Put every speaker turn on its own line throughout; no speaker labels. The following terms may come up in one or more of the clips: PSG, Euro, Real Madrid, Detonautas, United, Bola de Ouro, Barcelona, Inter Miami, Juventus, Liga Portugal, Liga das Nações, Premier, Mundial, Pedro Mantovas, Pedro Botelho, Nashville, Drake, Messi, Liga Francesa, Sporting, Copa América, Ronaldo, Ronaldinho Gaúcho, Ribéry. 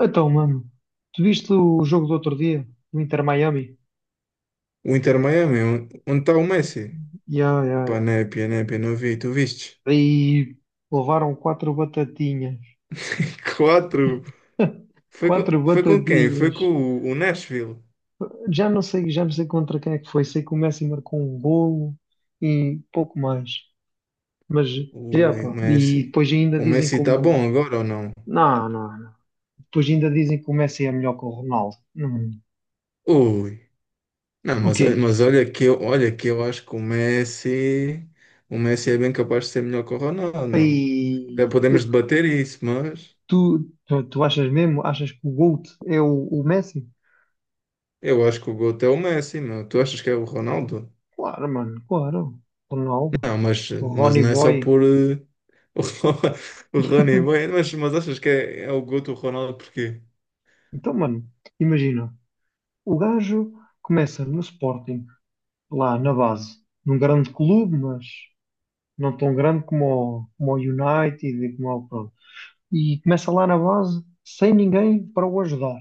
Então, mano, tu viste o jogo do outro dia, no Inter Miami?
O Inter Miami, onde está o Messi?
Ya, ya,
Pá,
ya.
népia, népia, não vi, tu viste?
Aí levaram quatro batatinhas.
Quatro. Foi com,
Quatro
foi com quem? Foi com
batatinhas.
o Nashville.
Já não sei contra quem é que foi. Sei que o Messi marcou um golo e pouco mais. Mas, é,
Ui, o
pá. E
Messi.
depois ainda
O
dizem
Messi está
como.
bom agora ou não?
Não, não, não. Depois ainda dizem que o Messi é melhor que o Ronaldo. Não.
Ui. Não,
O
mas,
quê?
mas olha que eu acho que o Messi é bem capaz de ser melhor que o Ronaldo, não. É,
Aí,
podemos debater isso, mas
tu achas mesmo? Achas que o GOAT é o Messi?
eu acho que o GOAT é o Messi, meu. Tu achas que é o Ronaldo?
Claro, mano, claro. Ronaldo,
Não, mas
Ronnie
não é só
Boy.
por o, Rony, mas achas que é o Guto o Ronaldo porquê?
Então, mano, imagina, o gajo começa no Sporting, lá na base, num grande clube, mas não tão grande como o United e como o pronto. E começa lá na base, sem ninguém para o ajudar.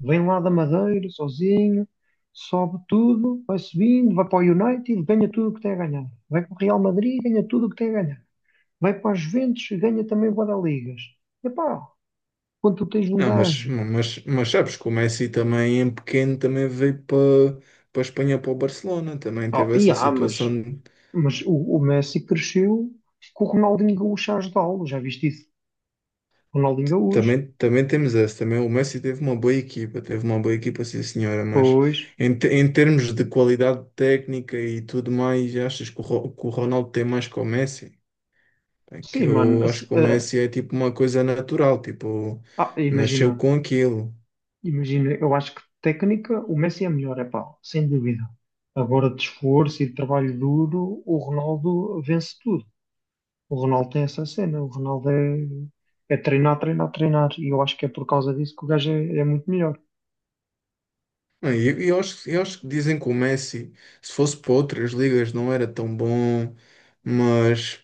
Vem lá da Madeira, sozinho, sobe tudo, vai subindo, vai para o United, ganha tudo o que tem a ganhar. Vai para o Real Madrid, ganha tudo o que tem a ganhar. Vai para a Juventus e ganha também bué da ligas. Epá, quando tu tens um
Não,
gajo.
mas sabes que o Messi também em pequeno também veio para para a Espanha, para o Barcelona, também
Oh,
teve
e
essa
há, mas,
situação, de-
mas o Messi cresceu com o Ronaldinho Gaúcho a ajudá-lo, já viste isso? Ronaldinho Gaúcho,
também, também temos essa, também o Messi teve uma boa equipa, teve uma boa equipa, sim senhora, mas
pois,
em, em termos de qualidade técnica e tudo mais, achas que que o Ronaldo tem mais que o Messi? É que
sim, mano,
eu
assim,
acho que o Messi é tipo uma coisa natural, tipo,
imagina,
nasceu com aquilo.
eu acho que técnica o Messi é melhor, é pá, sem dúvida. Agora de esforço e de trabalho duro, o Ronaldo vence tudo. O Ronaldo tem essa cena, o Ronaldo é treinar, treinar, treinar, e eu acho que é por causa disso que o gajo é muito melhor.
Não, e eu acho que dizem que o Messi, se fosse para outras ligas, não era tão bom, mas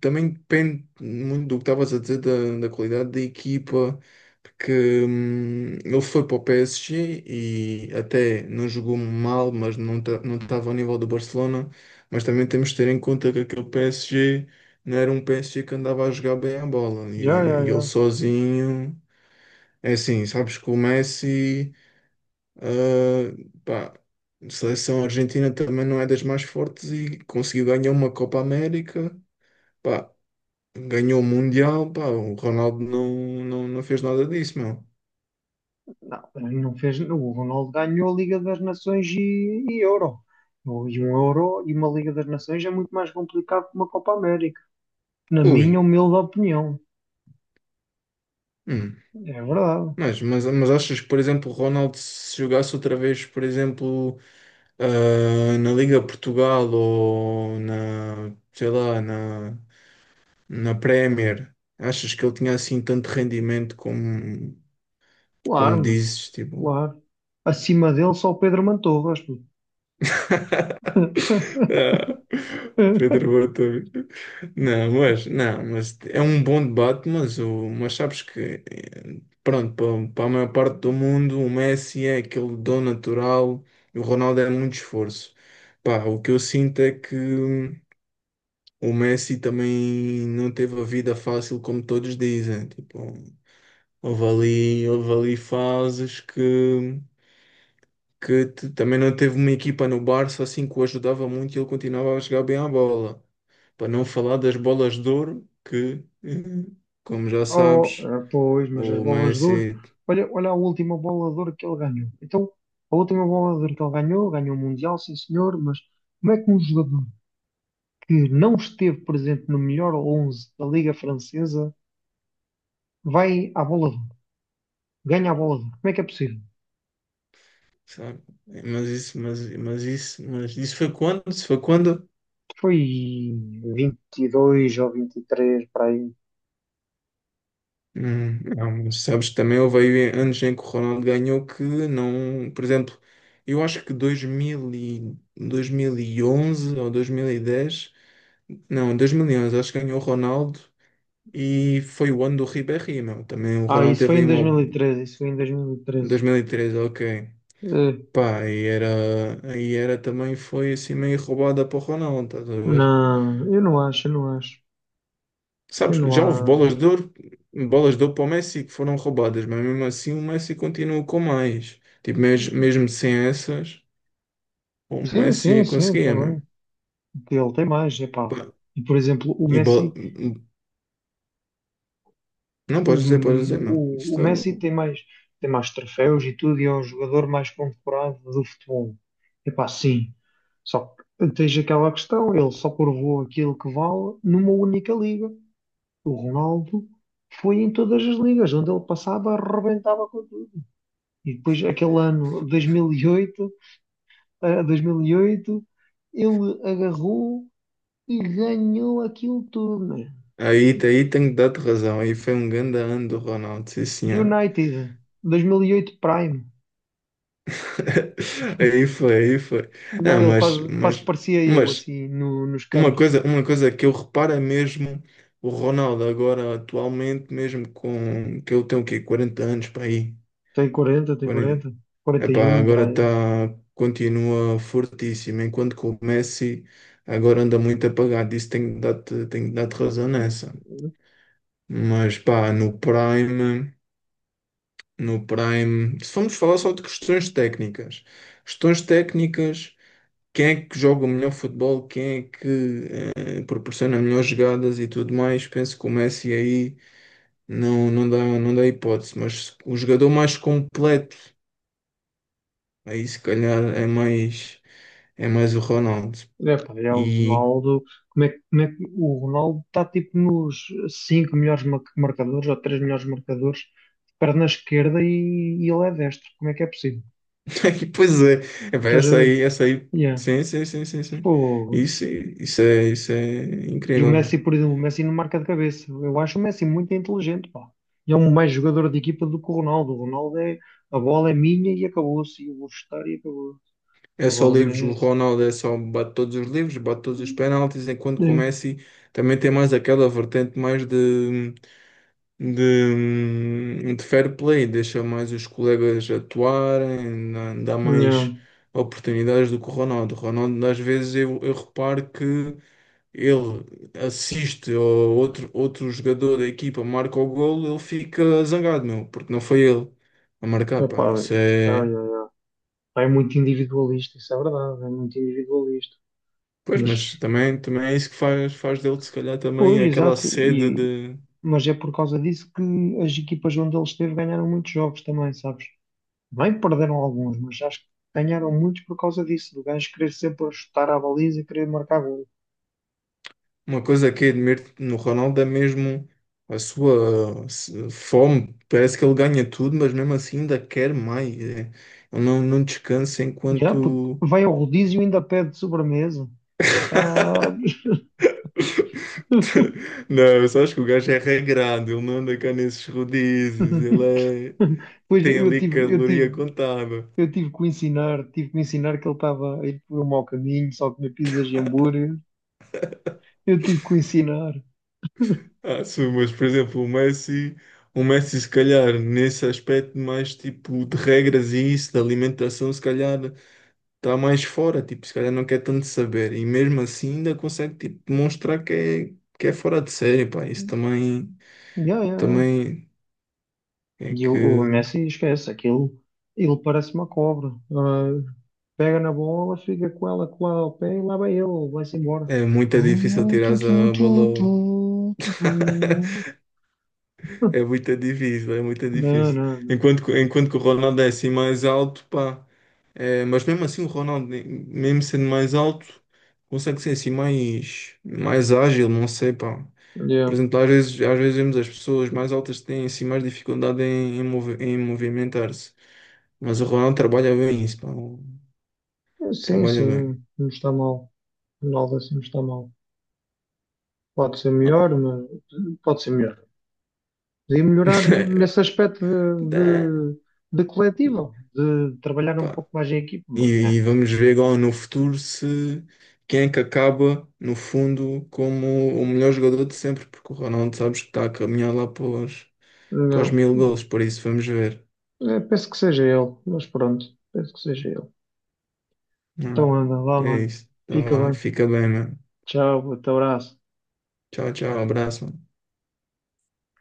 também depende muito do que estavas a dizer da qualidade da equipa, porque ele foi para o PSG e até não jogou mal, mas não estava ao nível do Barcelona. Mas também temos de ter em conta que aquele PSG não era um PSG que andava a jogar bem a bola
Já, já,
e ele
já.
sozinho. É assim, sabes que o Messi, ah, pá, a seleção argentina também não é das mais fortes e conseguiu ganhar uma Copa América. Pá, ganhou o Mundial, pá, o Ronaldo não fez nada disso, meu.
Não, não fez. O Ronaldo ganhou a Liga das Nações e Euro. E um Euro e uma Liga das Nações é muito mais complicado que uma Copa América. Na
Ui,
minha humilde opinião.
hum.
É verdade.
Mas achas que, por exemplo, o Ronaldo se jogasse outra vez, por exemplo, na Liga Portugal ou na, sei lá, na, na Premier, achas que ele tinha assim tanto rendimento como,
Claro,
como
mano.
dizes, tipo?
Claro. Acima dele só o Pedro Mantovas. Pô.
Ah, Pedro Botelho. Não, mas é um bom debate, mas, mas sabes que, pronto, para a maior parte do mundo, o Messi é aquele dom natural e o Ronaldo é muito esforço. Pá, o que eu sinto é que o Messi também não teve a vida fácil como todos dizem. Tipo, houve ali fases também não teve uma equipa no Barça assim que o ajudava muito e ele continuava a jogar bem à bola. Para não falar das bolas de ouro, que, como já
Oh,
sabes,
pois, mas as
o
bolas de ouro.
Messi,
Olha, olha a última bola de ouro que ele ganhou. Então, a última bola de ouro que ele ganhou, ganhou o Mundial, sim senhor, mas como é que um jogador que não esteve presente no melhor 11 da Liga Francesa vai à bola de ouro, ganha a bola de ouro. Como é que é possível?
sabe? Mas isso, mas isso foi quando? Isso foi quando?
Foi 22 ou 23 para aí.
Não, mas sabes que também houve aí anos em que o Ronaldo ganhou que não, por exemplo, eu acho que 2011 ou 2010 não, 2011 acho que ganhou o Ronaldo e foi o ano do Ribéry, meu. Também o
Ah,
Ronaldo
isso foi
teve aí
em
uma
2013, isso foi em
dois
2013.
mil e três, ok.
Eh,
Pá, e era também foi assim meio roubada para o Ronaldo, estás a ver?
não, eu não acho, eu não acho. Eu
Sabes,
não
já houve
há.
bolas de ouro para o Messi que foram roubadas, mas mesmo assim o Messi continua com mais. Tipo, mesmo sem essas, o
Sim, sim,
Messi
sim,
conseguia,
também.
mano.
Ele tem mais, epá.
Pá,
E, por exemplo,
e bola... Não,
O,
podes dizer, não.
o
Isto...
Messi tem mais troféus e tudo, e é o jogador mais condecorado do futebol. Epá, sim. Só que tens aquela questão, ele só provou aquilo que vale numa única liga. O Ronaldo foi em todas as ligas, onde ele passava, arrebentava com tudo. E depois, aquele ano 2008, 2008, ele agarrou e ganhou aquilo tudo. Né?
Aí, aí tenho de dar-te razão. Aí foi um grande ano do Ronaldo, sim senhora.
United, 2008 Prime.
Aí foi, aí foi.
Não,
Não,
ele quase, quase que parecia eu,
mas
assim, nos
uma
campos.
coisa, uma coisa que eu reparo é mesmo o Ronaldo agora atualmente, mesmo com que ele tem o quê? 40 anos para aí.
Tem quarenta tem
40.
quarenta quarenta e
Epá,
um
agora
para
está
aí.
continua fortíssimo, enquanto que o Messi agora anda muito apagado. Isso tenho de dar-te razão nessa. Mas pá, no Prime, no Prime, se formos falar só de questões técnicas, questões técnicas, quem é que joga o melhor futebol, quem é que proporciona melhores jogadas e tudo mais, penso que o Messi aí não dá, não dá hipótese, mas o jogador mais completo, aí se calhar é mais o Ronaldo.
É, pá, é o
E,
Ronaldo. Como é, como é que o Ronaldo está tipo nos 5 melhores marcadores ou 3 melhores marcadores, perna esquerda e ele é destro. Como é que é possível?
e pois é, epá,
Estás a ver?
essa aí,
Yeah.
sim.
Pô.
Isso é
E o,
incrível,
Messi,
não
por exemplo, o Messi não marca de cabeça. Eu acho o Messi muito inteligente, pá. E é um mais jogador de equipa do que o Ronaldo. O Ronaldo é a bola é minha e acabou-se. E eu vou chutar e acabou.
é? Só
Agora o
livros, o
Messi.
Ronaldo é só bate todos os livros, bate todos os penaltis, enquanto que o
É.
Messi também tem mais aquela vertente mais de fair play, deixa mais os colegas atuarem, dá mais
Não.
oportunidades do que o Ronaldo. O Ronaldo, às vezes, eu reparo que ele assiste ao outro, outro jogador da equipa, marca o golo, ele fica zangado, meu, porque não foi ele a marcar, pá.
Epá, é,
Isso
ai,
é.
ai, ai. É muito individualista, isso é verdade, é muito individualista.
Pois,
Mas,
mas também, também é isso que faz dele, se calhar,
pois,
também aquela
exato,
sede
e,
de.
mas é por causa disso que as equipas onde ele esteve ganharam muitos jogos também, sabes? Bem, perderam alguns, mas acho que ganharam muitos por causa disso, do gajo querer sempre chutar à baliza e querer marcar gol.
Uma coisa que admiro no Ronaldo é mesmo a sua se- fome. Parece que ele ganha tudo, mas mesmo assim ainda quer mais. É, ele não descansa
Já, puto,
enquanto.
vai ao rodízio e ainda pede sobremesa. Ah.
Não, eu só acho que o gajo é regrado, ele não anda cá nesses rodízios, ele é...
Pois
tem ali caloria contada.
eu tive que o ensinar, tive que o ensinar que ele estava a ir por um mau caminho, só comia pizzas e hambúrguer. Eu tive que o ensinar.
Ah, sim, mas por exemplo, o Messi se calhar nesse aspecto mais tipo de regras e isso, de alimentação, se calhar, está mais fora, tipo, se calhar não quer tanto saber. E mesmo assim ainda consegue, tipo, demonstrar que é fora de série, pá. Isso também,
Yeah, yeah, yeah.
também é
E o
que
Messi esquece aquilo. Ele parece uma cobra. Ah, pega na bola, fica com ela com lá ao pé e lá vai ele, vai-se embora.
é
Tu,
muito difícil tirar
tu, tu,
a bola.
tu, tu,
Ao-
tu, tu.
é muito difícil, é muito
Não,
difícil.
não.
Enquanto que o Ronaldo é assim mais alto, pá. É, mas mesmo assim o Ronaldo, mesmo sendo mais alto, consegue ser assim mais, mais ágil, não sei, pá. Por
Yeah.
exemplo, às vezes vemos as pessoas mais altas que têm assim mais dificuldade em movimentar-se. Mas o Ronaldo trabalha bem isso, pá.
Sim,
Trabalha bem.
sim, não está mal. Ronaldo assim não está mal. Pode ser melhor, mas pode ser melhor. Podia melhorar nesse aspecto
Dá-
de, de coletivo, de trabalhar um
pá.
pouco mais em equipa,
E,
mas é,
e vamos ver agora no futuro se quem é que acaba, no fundo, como o melhor jogador de sempre, porque o Ronaldo sabes que está a caminhar lá para para os
não.
1000 gols, por isso vamos ver.
É, penso que seja ele, mas pronto, penso que seja ele.
Não,
Então anda, vá,
é
mano.
isso. Então,
Fica
vá,
bem.
fica bem, mano.
Tchau, até abraço.
Tchau, tchau, abraço, mano.